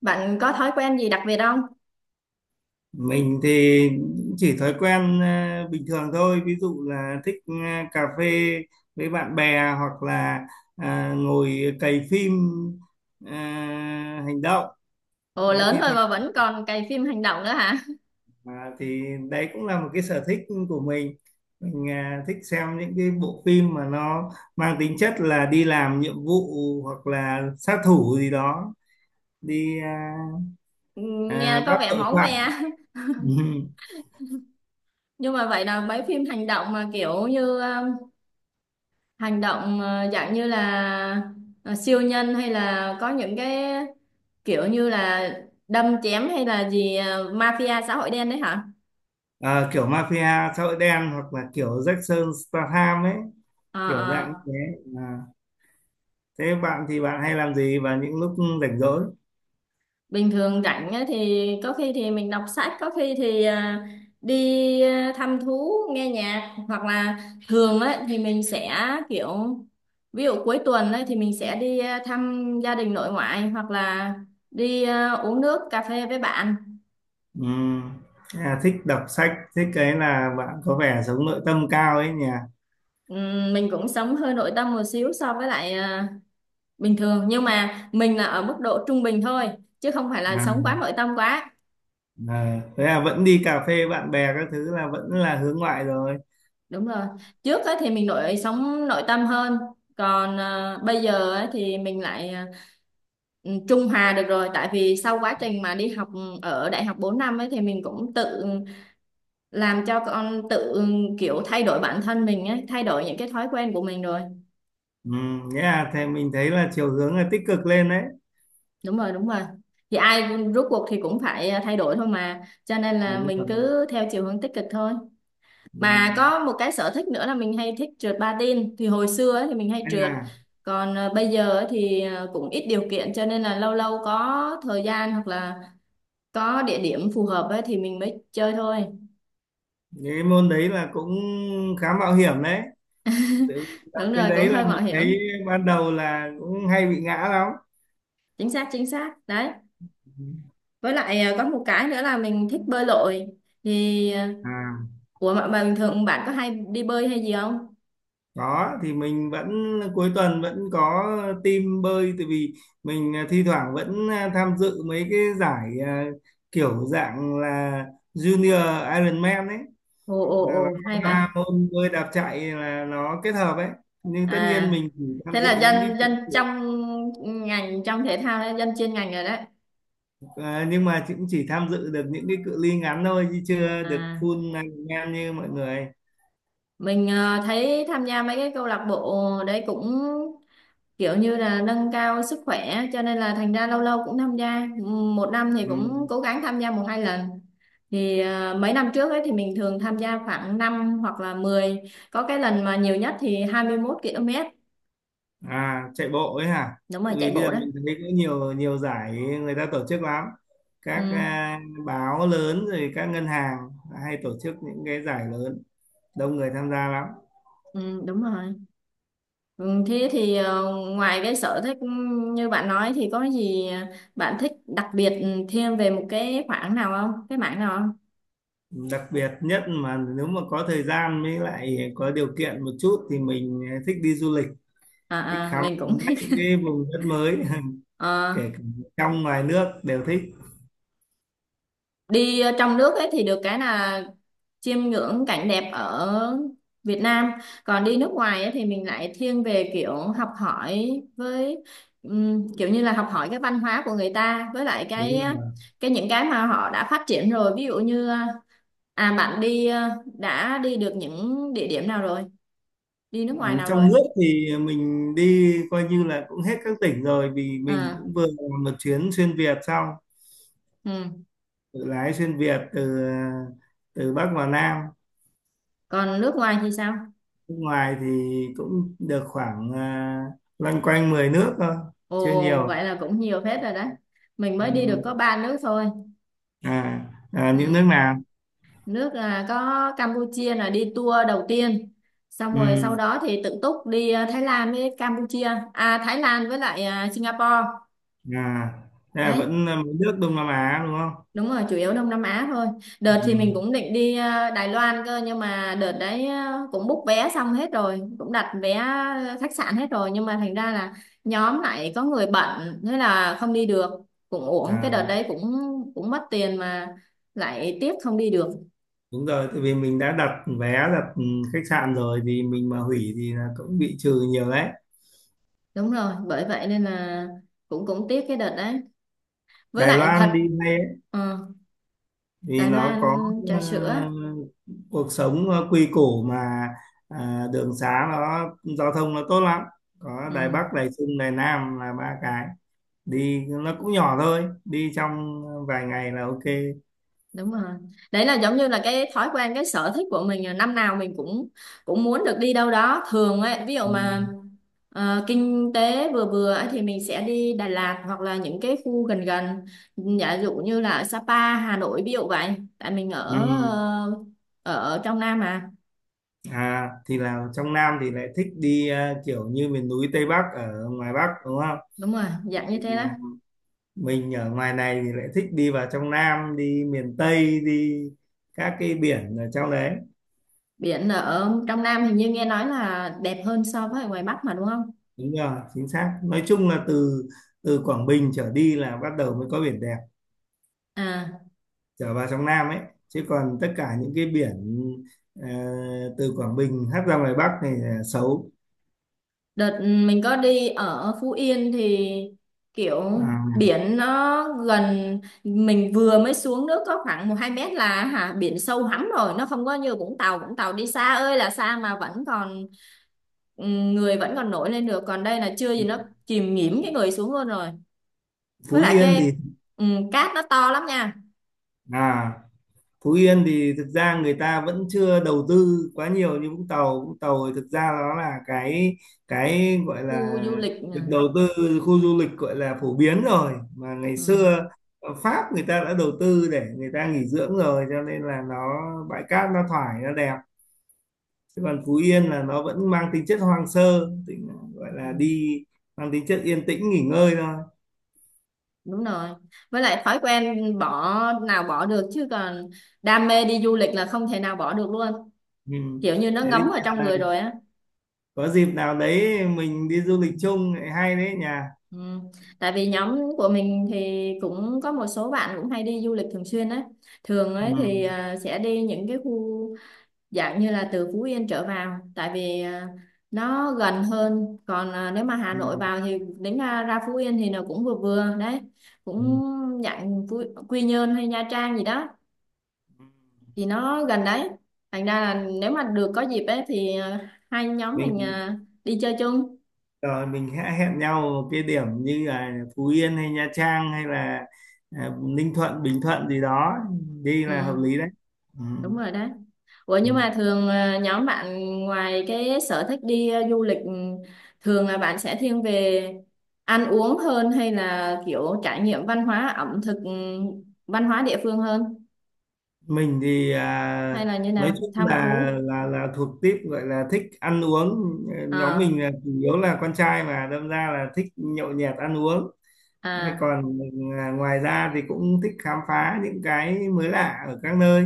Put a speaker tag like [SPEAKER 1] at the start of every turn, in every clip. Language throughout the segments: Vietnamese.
[SPEAKER 1] Bạn có thói quen gì đặc biệt không?
[SPEAKER 2] Mình thì chỉ thói quen bình thường thôi, ví dụ là thích cà phê với bạn bè hoặc là ngồi cày phim à, hành động.
[SPEAKER 1] Ồ,
[SPEAKER 2] Đấy
[SPEAKER 1] lớn
[SPEAKER 2] thi
[SPEAKER 1] rồi
[SPEAKER 2] thoảng
[SPEAKER 1] mà vẫn còn cày phim hành động nữa hả?
[SPEAKER 2] thì đấy cũng là một cái sở thích của mình. Mình thích xem những cái bộ phim mà nó mang tính chất là đi làm nhiệm vụ hoặc là sát thủ gì đó, đi
[SPEAKER 1] Ừ. Nghe có
[SPEAKER 2] bắt
[SPEAKER 1] vẻ
[SPEAKER 2] tội
[SPEAKER 1] máu me.
[SPEAKER 2] phạm.
[SPEAKER 1] Nhưng mà vậy là mấy phim hành động mà kiểu như hành động, dạng như là siêu nhân, hay là có những cái kiểu như là đâm chém hay là gì, mafia xã hội đen đấy hả?
[SPEAKER 2] Ờ, kiểu mafia xã hội đen hoặc là kiểu Jackson Statham ấy,
[SPEAKER 1] Ờ,
[SPEAKER 2] kiểu dạng như
[SPEAKER 1] ờ.
[SPEAKER 2] thế à. Thế bạn thì bạn hay làm gì vào những lúc rảnh rỗi?
[SPEAKER 1] Bình thường rảnh á thì có khi thì mình đọc sách, có khi thì đi, thăm thú, nghe nhạc hoặc là thường ấy thì mình sẽ kiểu ví dụ cuối tuần ấy thì mình sẽ đi, thăm gia đình nội ngoại, hoặc là đi, uống nước cà phê với bạn.
[SPEAKER 2] Ừm, thế thích đọc sách, thích cái là bạn có vẻ sống nội tâm cao ấy nhỉ.
[SPEAKER 1] Mình cũng sống hơi nội tâm một xíu so với lại, bình thường, nhưng mà mình là ở mức độ trung bình thôi, chứ không phải là sống
[SPEAKER 2] à,
[SPEAKER 1] quá nội tâm quá.
[SPEAKER 2] Thế là vẫn đi cà phê bạn bè các thứ là vẫn là hướng ngoại rồi.
[SPEAKER 1] Đúng rồi, trước ấy thì mình sống nội tâm hơn, còn bây giờ ấy thì mình lại, trung hòa được rồi, tại vì sau quá trình mà đi học ở đại học 4 năm ấy thì mình cũng tự làm cho con tự, kiểu thay đổi bản thân mình ấy, thay đổi những cái thói quen của mình rồi.
[SPEAKER 2] Thế là thì mình thấy là chiều hướng là tích cực lên đấy,
[SPEAKER 1] Đúng rồi, đúng rồi. Thì ai rốt cuộc thì cũng phải, thay đổi thôi mà, cho nên là
[SPEAKER 2] đúng rồi.
[SPEAKER 1] mình cứ theo chiều hướng tích cực thôi. Mà
[SPEAKER 2] Ừm,
[SPEAKER 1] có một cái sở thích nữa là mình hay thích trượt patin, thì hồi xưa ấy thì mình hay
[SPEAKER 2] hay
[SPEAKER 1] trượt,
[SPEAKER 2] là
[SPEAKER 1] còn bây giờ ấy thì cũng ít điều kiện, cho nên là lâu lâu có thời gian hoặc là có địa điểm phù hợp ấy thì mình mới chơi thôi.
[SPEAKER 2] cái môn đấy là cũng khá mạo hiểm đấy, tự tập
[SPEAKER 1] Đúng
[SPEAKER 2] cái
[SPEAKER 1] rồi, cũng
[SPEAKER 2] đấy là
[SPEAKER 1] hơi mạo
[SPEAKER 2] mình thấy
[SPEAKER 1] hiểm.
[SPEAKER 2] ban đầu là cũng hay bị ngã lắm.
[SPEAKER 1] Chính xác, chính xác đấy. Với lại có một cái nữa là mình thích bơi lội, thì
[SPEAKER 2] à
[SPEAKER 1] ủa mà bình thường bạn có hay đi bơi hay gì không?
[SPEAKER 2] có thì mình vẫn cuối tuần vẫn có team bơi, tại vì mình thi thoảng vẫn tham dự mấy cái giải kiểu dạng là Junior Ironman ấy,
[SPEAKER 1] Ồ, ồ,
[SPEAKER 2] là nó
[SPEAKER 1] ồ,
[SPEAKER 2] có
[SPEAKER 1] hay vậy.
[SPEAKER 2] ba môn bơi đạp chạy là nó kết hợp ấy, nhưng tất nhiên
[SPEAKER 1] à
[SPEAKER 2] mình chỉ tham
[SPEAKER 1] Thế là
[SPEAKER 2] dự
[SPEAKER 1] dân dân trong ngành, trong thể thao đấy, dân chuyên ngành rồi đấy.
[SPEAKER 2] nhưng mà cũng chỉ tham dự được những cái cự ly ngắn thôi chứ chưa được
[SPEAKER 1] À.
[SPEAKER 2] full Ironman như mọi người.
[SPEAKER 1] Mình thấy tham gia mấy cái câu lạc bộ đấy cũng kiểu như là nâng cao sức khỏe, cho nên là thành ra lâu lâu cũng tham gia. Một năm thì
[SPEAKER 2] Ừ.
[SPEAKER 1] cũng cố gắng tham gia một hai lần. Thì mấy năm trước ấy thì mình thường tham gia khoảng 5 hoặc là 10. Có cái lần mà nhiều nhất thì 21 km.
[SPEAKER 2] Chạy bộ ấy hả?
[SPEAKER 1] Đúng rồi,
[SPEAKER 2] Tại vì
[SPEAKER 1] chạy
[SPEAKER 2] bây
[SPEAKER 1] bộ
[SPEAKER 2] giờ
[SPEAKER 1] đó.
[SPEAKER 2] mình thấy có nhiều nhiều giải người ta tổ chức lắm,
[SPEAKER 1] Ừ,
[SPEAKER 2] các báo lớn rồi các ngân hàng hay tổ chức những cái giải lớn, đông người tham gia lắm.
[SPEAKER 1] ừ, đúng rồi. Ừ, thế thì ngoài cái sở thích như bạn nói thì có gì bạn thích đặc biệt thêm về một cái khoảng nào không? Cái mảng nào?
[SPEAKER 2] Đặc biệt nhất mà nếu mà có thời gian với lại có điều kiện một chút thì mình thích đi du lịch, thích khám
[SPEAKER 1] Mình cũng
[SPEAKER 2] phá
[SPEAKER 1] thích.
[SPEAKER 2] những cái vùng đất mới.
[SPEAKER 1] Ờ,
[SPEAKER 2] Kể cả trong ngoài nước đều thích,
[SPEAKER 1] đi trong nước ấy thì được cái là chiêm ngưỡng cảnh đẹp ở Việt Nam, còn đi nước ngoài ấy thì mình lại thiên về kiểu học hỏi, với kiểu như là học hỏi cái văn hóa của người ta, với lại
[SPEAKER 2] đúng
[SPEAKER 1] cái
[SPEAKER 2] rồi.
[SPEAKER 1] cái những cái mà họ đã phát triển rồi, ví dụ như bạn đi, đã đi được những địa điểm nào rồi? Đi nước
[SPEAKER 2] Ừ,
[SPEAKER 1] ngoài nào
[SPEAKER 2] trong
[SPEAKER 1] rồi?
[SPEAKER 2] nước thì mình đi coi như là cũng hết các tỉnh rồi vì mình
[SPEAKER 1] À.
[SPEAKER 2] cũng vừa làm một chuyến xuyên Việt xong,
[SPEAKER 1] Ừ.
[SPEAKER 2] tự lái xuyên Việt từ từ Bắc vào Nam.
[SPEAKER 1] Còn nước ngoài thì sao?
[SPEAKER 2] Nước ngoài thì cũng được khoảng loanh quanh 10 nước thôi, chưa
[SPEAKER 1] Ồ,
[SPEAKER 2] nhiều.
[SPEAKER 1] vậy là cũng nhiều phết rồi đấy. Mình mới đi được
[SPEAKER 2] Ừ.
[SPEAKER 1] có ba nước thôi.
[SPEAKER 2] à, những
[SPEAKER 1] Ừ.
[SPEAKER 2] nước nào?
[SPEAKER 1] Nước, có Campuchia là đi tour đầu tiên, xong rồi
[SPEAKER 2] Ừ.
[SPEAKER 1] sau đó thì tự túc đi, Thái Lan với Campuchia. Thái Lan với lại, Singapore.
[SPEAKER 2] à, Thế là
[SPEAKER 1] Đấy,
[SPEAKER 2] vẫn là mấy nước Đông Nam Á đúng không?
[SPEAKER 1] đúng rồi, chủ yếu Đông Nam Á thôi. Đợt thì
[SPEAKER 2] Ừ.
[SPEAKER 1] mình cũng định đi, Đài Loan cơ, nhưng mà đợt đấy, cũng book vé xong hết rồi, cũng đặt vé khách sạn hết rồi, nhưng mà thành ra là nhóm lại có người bận, thế là không đi được. Cũng uổng cái
[SPEAKER 2] à,
[SPEAKER 1] đợt đấy, cũng cũng mất tiền mà lại tiếc không đi được.
[SPEAKER 2] Đúng rồi, tại vì mình đã đặt vé, đặt khách sạn rồi thì mình mà hủy thì là cũng bị trừ nhiều đấy.
[SPEAKER 1] Đúng rồi, bởi vậy nên là cũng cũng tiếc cái đợt đấy. Với
[SPEAKER 2] Đài
[SPEAKER 1] lại
[SPEAKER 2] Loan
[SPEAKER 1] thật,
[SPEAKER 2] đi
[SPEAKER 1] ờ,
[SPEAKER 2] vì
[SPEAKER 1] Đài
[SPEAKER 2] nó
[SPEAKER 1] Loan
[SPEAKER 2] có
[SPEAKER 1] trà
[SPEAKER 2] ờ,
[SPEAKER 1] sữa.
[SPEAKER 2] cuộc sống nó quy củ mà, đường xá nó, giao thông nó tốt lắm. Có Đài
[SPEAKER 1] Ừ,
[SPEAKER 2] Bắc, Đài Trung, Đài Nam là ba cái, đi nó cũng nhỏ thôi, đi trong vài ngày là ok.
[SPEAKER 1] đúng rồi, đấy là giống như là cái thói quen, cái sở thích của mình là năm nào mình cũng cũng muốn được đi đâu đó thường ấy. Ví dụ
[SPEAKER 2] Ừ.
[SPEAKER 1] mà kinh tế vừa vừa ấy thì mình sẽ đi Đà Lạt, hoặc là những cái khu gần gần, giả dụ như là ở Sapa, Hà Nội ví dụ vậy, tại mình
[SPEAKER 2] Ừ.
[SPEAKER 1] ở, ở trong Nam mà.
[SPEAKER 2] À, thì là trong Nam thì lại thích đi kiểu như miền núi Tây Bắc ở ngoài Bắc đúng không.
[SPEAKER 1] Đúng rồi, dạng như thế đó.
[SPEAKER 2] Mà mình ở ngoài này thì lại thích đi vào trong Nam, đi miền Tây, đi các cái biển ở trong đấy.
[SPEAKER 1] Biển ở trong Nam hình như nghe nói là đẹp hơn so với ở ngoài Bắc mà đúng không?
[SPEAKER 2] Đúng rồi, chính xác. Nói chung là từ từ Quảng Bình trở đi là bắt đầu mới có biển đẹp,
[SPEAKER 1] À,
[SPEAKER 2] trở vào trong Nam ấy. Chứ còn tất cả những cái biển ờ, từ Quảng Bình hất ra ngoài Bắc này là xấu.
[SPEAKER 1] đợt, mình có đi ở Phú Yên thì kiểu
[SPEAKER 2] À,
[SPEAKER 1] biển nó gần mình vừa mới xuống nước có khoảng một hai mét là hả, biển sâu hắm rồi, nó không có như Vũng Tàu. Vũng Tàu đi xa ơi là xa mà vẫn còn, người vẫn còn nổi lên được, còn đây là chưa gì nó chìm nghỉm cái người xuống luôn rồi. Với
[SPEAKER 2] Phú
[SPEAKER 1] lại
[SPEAKER 2] Yên thì
[SPEAKER 1] cái, cát nó to lắm nha.
[SPEAKER 2] à Phú Yên thì thực ra người ta vẫn chưa đầu tư quá nhiều như Vũng Tàu. Vũng Tàu thì thực ra nó là cái gọi
[SPEAKER 1] Khu
[SPEAKER 2] là
[SPEAKER 1] du lịch nè.
[SPEAKER 2] được đầu tư khu du lịch, gọi là phổ biến rồi, mà ngày
[SPEAKER 1] Ừ.
[SPEAKER 2] xưa ở Pháp người ta đã đầu tư để người ta nghỉ dưỡng rồi cho nên là nó bãi cát nó thoải, nó đẹp. Chứ còn Phú Yên là nó vẫn mang tính chất hoang sơ, tính gọi là đi mang tính chất yên tĩnh nghỉ ngơi thôi.
[SPEAKER 1] Đúng rồi, với lại thói quen bỏ nào bỏ được, chứ còn đam mê đi du lịch là không thể nào bỏ được luôn,
[SPEAKER 2] Ừ.
[SPEAKER 1] kiểu như nó
[SPEAKER 2] Thế
[SPEAKER 1] ngấm
[SPEAKER 2] thì
[SPEAKER 1] vào trong
[SPEAKER 2] à,
[SPEAKER 1] người rồi á.
[SPEAKER 2] có dịp nào đấy mình đi du lịch chung lại hay đấy nhà.
[SPEAKER 1] Ừ. Tại vì nhóm của mình thì cũng có một số bạn cũng hay đi du lịch thường xuyên ấy, thường ấy
[SPEAKER 2] Ừ.
[SPEAKER 1] thì sẽ đi những cái khu dạng như là từ Phú Yên trở vào, tại vì nó gần hơn, còn nếu mà Hà Nội
[SPEAKER 2] Ừ.
[SPEAKER 1] vào thì đến ra Phú Yên thì nó cũng vừa vừa đấy,
[SPEAKER 2] Ừ.
[SPEAKER 1] cũng dạng Phú, Quy Nhơn hay Nha Trang gì đó thì nó gần đấy, thành ra là nếu mà được có dịp ấy thì hai nhóm mình
[SPEAKER 2] Mình
[SPEAKER 1] đi chơi chung.
[SPEAKER 2] rồi mình hãy hẹn nhau ở cái điểm như là Phú Yên hay Nha Trang hay là Ninh Thuận, Bình Thuận gì đó, đi
[SPEAKER 1] Ừ,
[SPEAKER 2] là hợp lý đấy. Ừ.
[SPEAKER 1] đúng rồi đấy. Ủa nhưng
[SPEAKER 2] Ừ.
[SPEAKER 1] mà thường, nhóm bạn ngoài cái sở thích đi, du lịch, thường là bạn sẽ thiên về ăn uống hơn, hay là kiểu trải nghiệm văn hóa ẩm thực, văn hóa địa phương hơn,
[SPEAKER 2] Mình thì
[SPEAKER 1] hay là như
[SPEAKER 2] nói
[SPEAKER 1] nào,
[SPEAKER 2] chung
[SPEAKER 1] thăm thú?
[SPEAKER 2] là thuộc típ gọi là thích ăn uống, nhóm mình
[SPEAKER 1] à
[SPEAKER 2] là chủ yếu là con trai mà đâm ra là thích nhậu nhẹt ăn uống. Thế
[SPEAKER 1] à
[SPEAKER 2] còn ngoài ra thì cũng thích khám phá những cái mới lạ ở các nơi,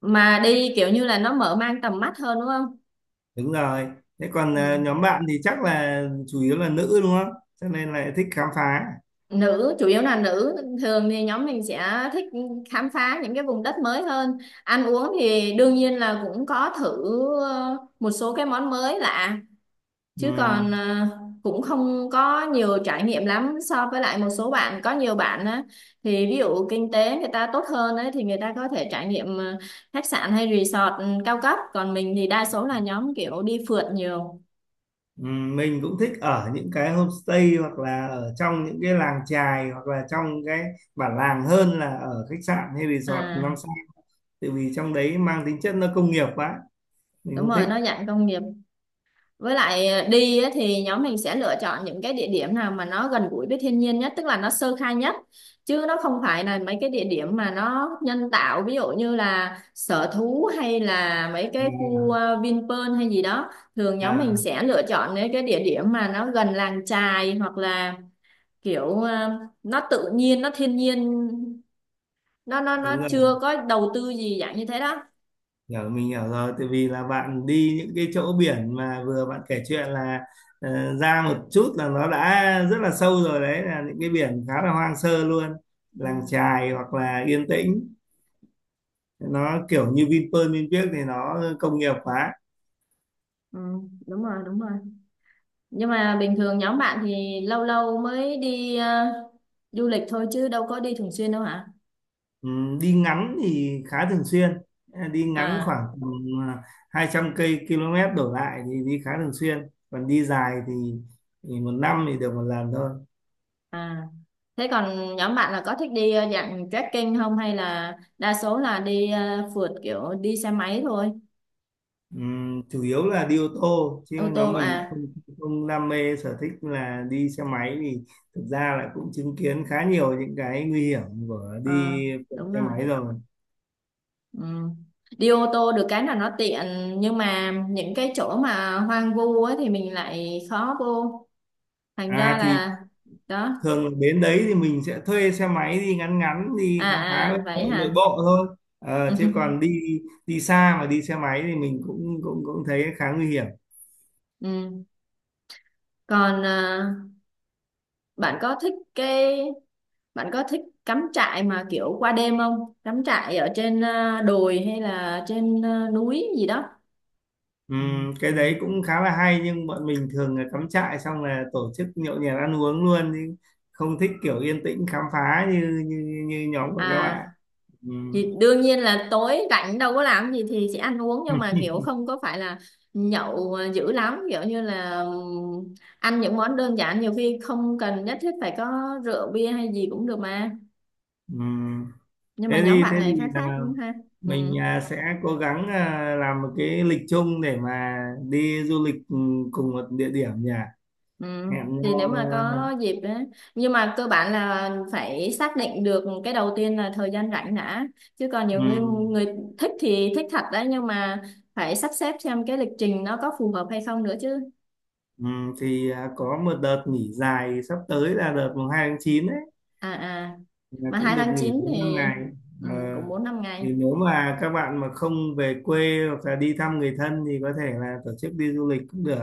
[SPEAKER 1] mà đi kiểu như là nó mở mang tầm mắt hơn đúng không?
[SPEAKER 2] đúng rồi. Thế còn
[SPEAKER 1] Ừ.
[SPEAKER 2] nhóm bạn thì chắc là chủ yếu là nữ đúng không, cho nên là thích khám phá.
[SPEAKER 1] Nữ, chủ yếu là nữ. Thường thì nhóm mình sẽ thích khám phá những cái vùng đất mới hơn. Ăn uống thì đương nhiên là cũng có thử một số cái món mới lạ,
[SPEAKER 2] Ừ.
[SPEAKER 1] chứ còn cũng không có nhiều trải nghiệm lắm so với lại một số bạn. Có nhiều bạn á thì ví dụ kinh tế người ta tốt hơn ấy thì người ta có thể trải nghiệm khách sạn hay resort, cao cấp, còn mình thì đa số là nhóm kiểu đi phượt nhiều.
[SPEAKER 2] Ừ, mình cũng thích ở những cái homestay hoặc là ở trong những cái làng chài hoặc là trong cái bản làng hơn là ở khách sạn hay resort năm
[SPEAKER 1] à
[SPEAKER 2] sao tại vì trong đấy mang tính chất nó công nghiệp quá, mình
[SPEAKER 1] Đúng
[SPEAKER 2] không
[SPEAKER 1] rồi,
[SPEAKER 2] thích.
[SPEAKER 1] nó dạng công nghiệp. Với lại đi á thì nhóm mình sẽ lựa chọn những cái địa điểm nào mà nó gần gũi với thiên nhiên nhất, tức là nó sơ khai nhất. Chứ nó không phải là mấy cái địa điểm mà nó nhân tạo, ví dụ như là sở thú hay là mấy cái
[SPEAKER 2] à,
[SPEAKER 1] khu, Vinpearl hay gì đó. Thường nhóm mình
[SPEAKER 2] à,
[SPEAKER 1] sẽ lựa chọn những cái địa điểm mà nó gần làng chài, hoặc là kiểu nó tự nhiên, nó thiên nhiên, nó
[SPEAKER 2] Đúng rồi,
[SPEAKER 1] chưa có đầu tư gì dạng như thế đó.
[SPEAKER 2] hiểu, mình hiểu rồi, tại vì là bạn đi những cái chỗ biển mà vừa bạn kể chuyện là ra một chút là nó đã rất là sâu rồi, đấy là những cái biển khá là hoang sơ luôn, làng
[SPEAKER 1] Ừ,
[SPEAKER 2] chài hoặc là yên tĩnh, nó kiểu như Vinpearl, Vinpearl thì nó công nghiệp quá.
[SPEAKER 1] ừ, đúng rồi, đúng rồi. Nhưng mà bình thường nhóm bạn thì lâu lâu mới đi, du lịch thôi chứ đâu có đi thường xuyên đâu hả?
[SPEAKER 2] Ừ, đi ngắn thì khá thường xuyên. Ờ, đi ngắn
[SPEAKER 1] à
[SPEAKER 2] khoảng tầm ờ, 200 km đổ lại thì đi khá thường xuyên, còn đi dài thì một năm thì được một lần thôi.
[SPEAKER 1] à Thế còn nhóm bạn là có thích đi, dạng trekking không, hay là đa số là đi phượt kiểu đi xe máy thôi?
[SPEAKER 2] Chủ yếu là đi ô tô chứ
[SPEAKER 1] Ô
[SPEAKER 2] nhóm
[SPEAKER 1] tô
[SPEAKER 2] mình
[SPEAKER 1] à?
[SPEAKER 2] không đam mê sở thích là đi xe máy, thì thực ra là cũng chứng kiến khá nhiều những cái nguy hiểm của
[SPEAKER 1] À,
[SPEAKER 2] đi
[SPEAKER 1] đúng
[SPEAKER 2] xe
[SPEAKER 1] rồi.
[SPEAKER 2] máy rồi.
[SPEAKER 1] Ừ. Đi ô tô được cái là nó tiện, nhưng mà những cái chỗ mà hoang vu ấy thì mình lại khó vô, thành
[SPEAKER 2] À
[SPEAKER 1] ra
[SPEAKER 2] thì
[SPEAKER 1] là đó.
[SPEAKER 2] Thường đến đấy thì mình sẽ thuê xe máy đi ngắn ngắn, đi
[SPEAKER 1] À,
[SPEAKER 2] khám phá nội
[SPEAKER 1] à, vậy
[SPEAKER 2] nội
[SPEAKER 1] hả?
[SPEAKER 2] bộ thôi. Ờ, chứ còn đi đi xa mà đi xe máy thì mình cũng cũng cũng thấy khá nguy hiểm.
[SPEAKER 1] Ừ. Còn bạn có thích cái bạn có thích cắm trại mà kiểu qua đêm không, cắm trại ở trên đồi hay là trên núi gì đó?
[SPEAKER 2] Cái đấy cũng khá là hay nhưng bọn mình thường là cắm trại xong là tổ chức nhậu nhẹt ăn uống luôn chứ không thích kiểu yên tĩnh khám phá như như như nhóm của các
[SPEAKER 1] à
[SPEAKER 2] bạn. Ừm,
[SPEAKER 1] thì đương nhiên là tối rảnh đâu có làm gì thì sẽ ăn uống, nhưng mà kiểu không có phải là nhậu dữ lắm, kiểu như là ăn những món đơn giản, nhiều khi không cần nhất thiết phải có rượu bia hay gì cũng được mà.
[SPEAKER 2] ừm.
[SPEAKER 1] Nhưng mà
[SPEAKER 2] Thế
[SPEAKER 1] nhóm
[SPEAKER 2] thì
[SPEAKER 1] bạn này khá khác
[SPEAKER 2] là
[SPEAKER 1] cũng ha. Ừ.
[SPEAKER 2] mình sẽ cố gắng làm một cái lịch chung để mà đi du lịch cùng một địa điểm nhỉ,
[SPEAKER 1] Ừ,
[SPEAKER 2] hẹn
[SPEAKER 1] thì nếu
[SPEAKER 2] nhau
[SPEAKER 1] mà có
[SPEAKER 2] à,
[SPEAKER 1] dịp đấy, nhưng mà cơ bản là phải xác định được cái đầu tiên là thời gian rảnh đã, chứ còn nhiều người,
[SPEAKER 2] ừm,
[SPEAKER 1] người thích thì thích thật đấy, nhưng mà phải sắp xếp xem cái lịch trình nó có phù hợp hay không nữa chứ.
[SPEAKER 2] thì có một đợt nghỉ dài sắp tới là đợt mùng 2 tháng 9 đấy,
[SPEAKER 1] à à
[SPEAKER 2] là
[SPEAKER 1] mà
[SPEAKER 2] cũng
[SPEAKER 1] 2
[SPEAKER 2] được
[SPEAKER 1] tháng
[SPEAKER 2] nghỉ
[SPEAKER 1] 9
[SPEAKER 2] đến năm
[SPEAKER 1] thì,
[SPEAKER 2] ngày Ờ,
[SPEAKER 1] cũng 4 5 ngày.
[SPEAKER 2] thì nếu mà các bạn mà không về quê hoặc là đi thăm người thân thì có thể là tổ chức đi du lịch cũng được,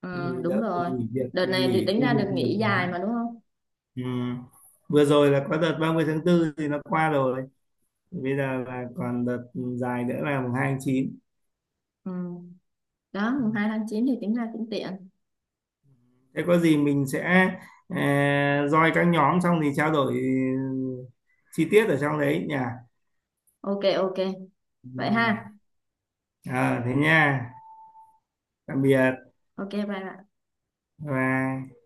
[SPEAKER 1] Ừ,
[SPEAKER 2] thì
[SPEAKER 1] đúng
[SPEAKER 2] đỡ phải
[SPEAKER 1] rồi.
[SPEAKER 2] nghỉ việc,
[SPEAKER 1] Đợt này thì
[SPEAKER 2] nghỉ
[SPEAKER 1] tính ra
[SPEAKER 2] công việc
[SPEAKER 1] được
[SPEAKER 2] nhiều
[SPEAKER 1] nghỉ dài mà
[SPEAKER 2] quá.
[SPEAKER 1] đúng không?
[SPEAKER 2] Ừ. Vừa rồi là có đợt 30 tháng 4 thì nó qua rồi, bây giờ là còn đợt dài nữa là mùng 2 tháng 9.
[SPEAKER 1] Ừ. Đó mùng 2 tháng 9 thì tính ra cũng tiện.
[SPEAKER 2] Thế có gì mình sẽ uh, join các nhóm xong thì trao đổi chi tiết ở trong đấy nhỉ.
[SPEAKER 1] Ok, ok,
[SPEAKER 2] Ừ.
[SPEAKER 1] vậy ha.
[SPEAKER 2] Thế nha, tạm biệt
[SPEAKER 1] Ok, bye bye.
[SPEAKER 2] và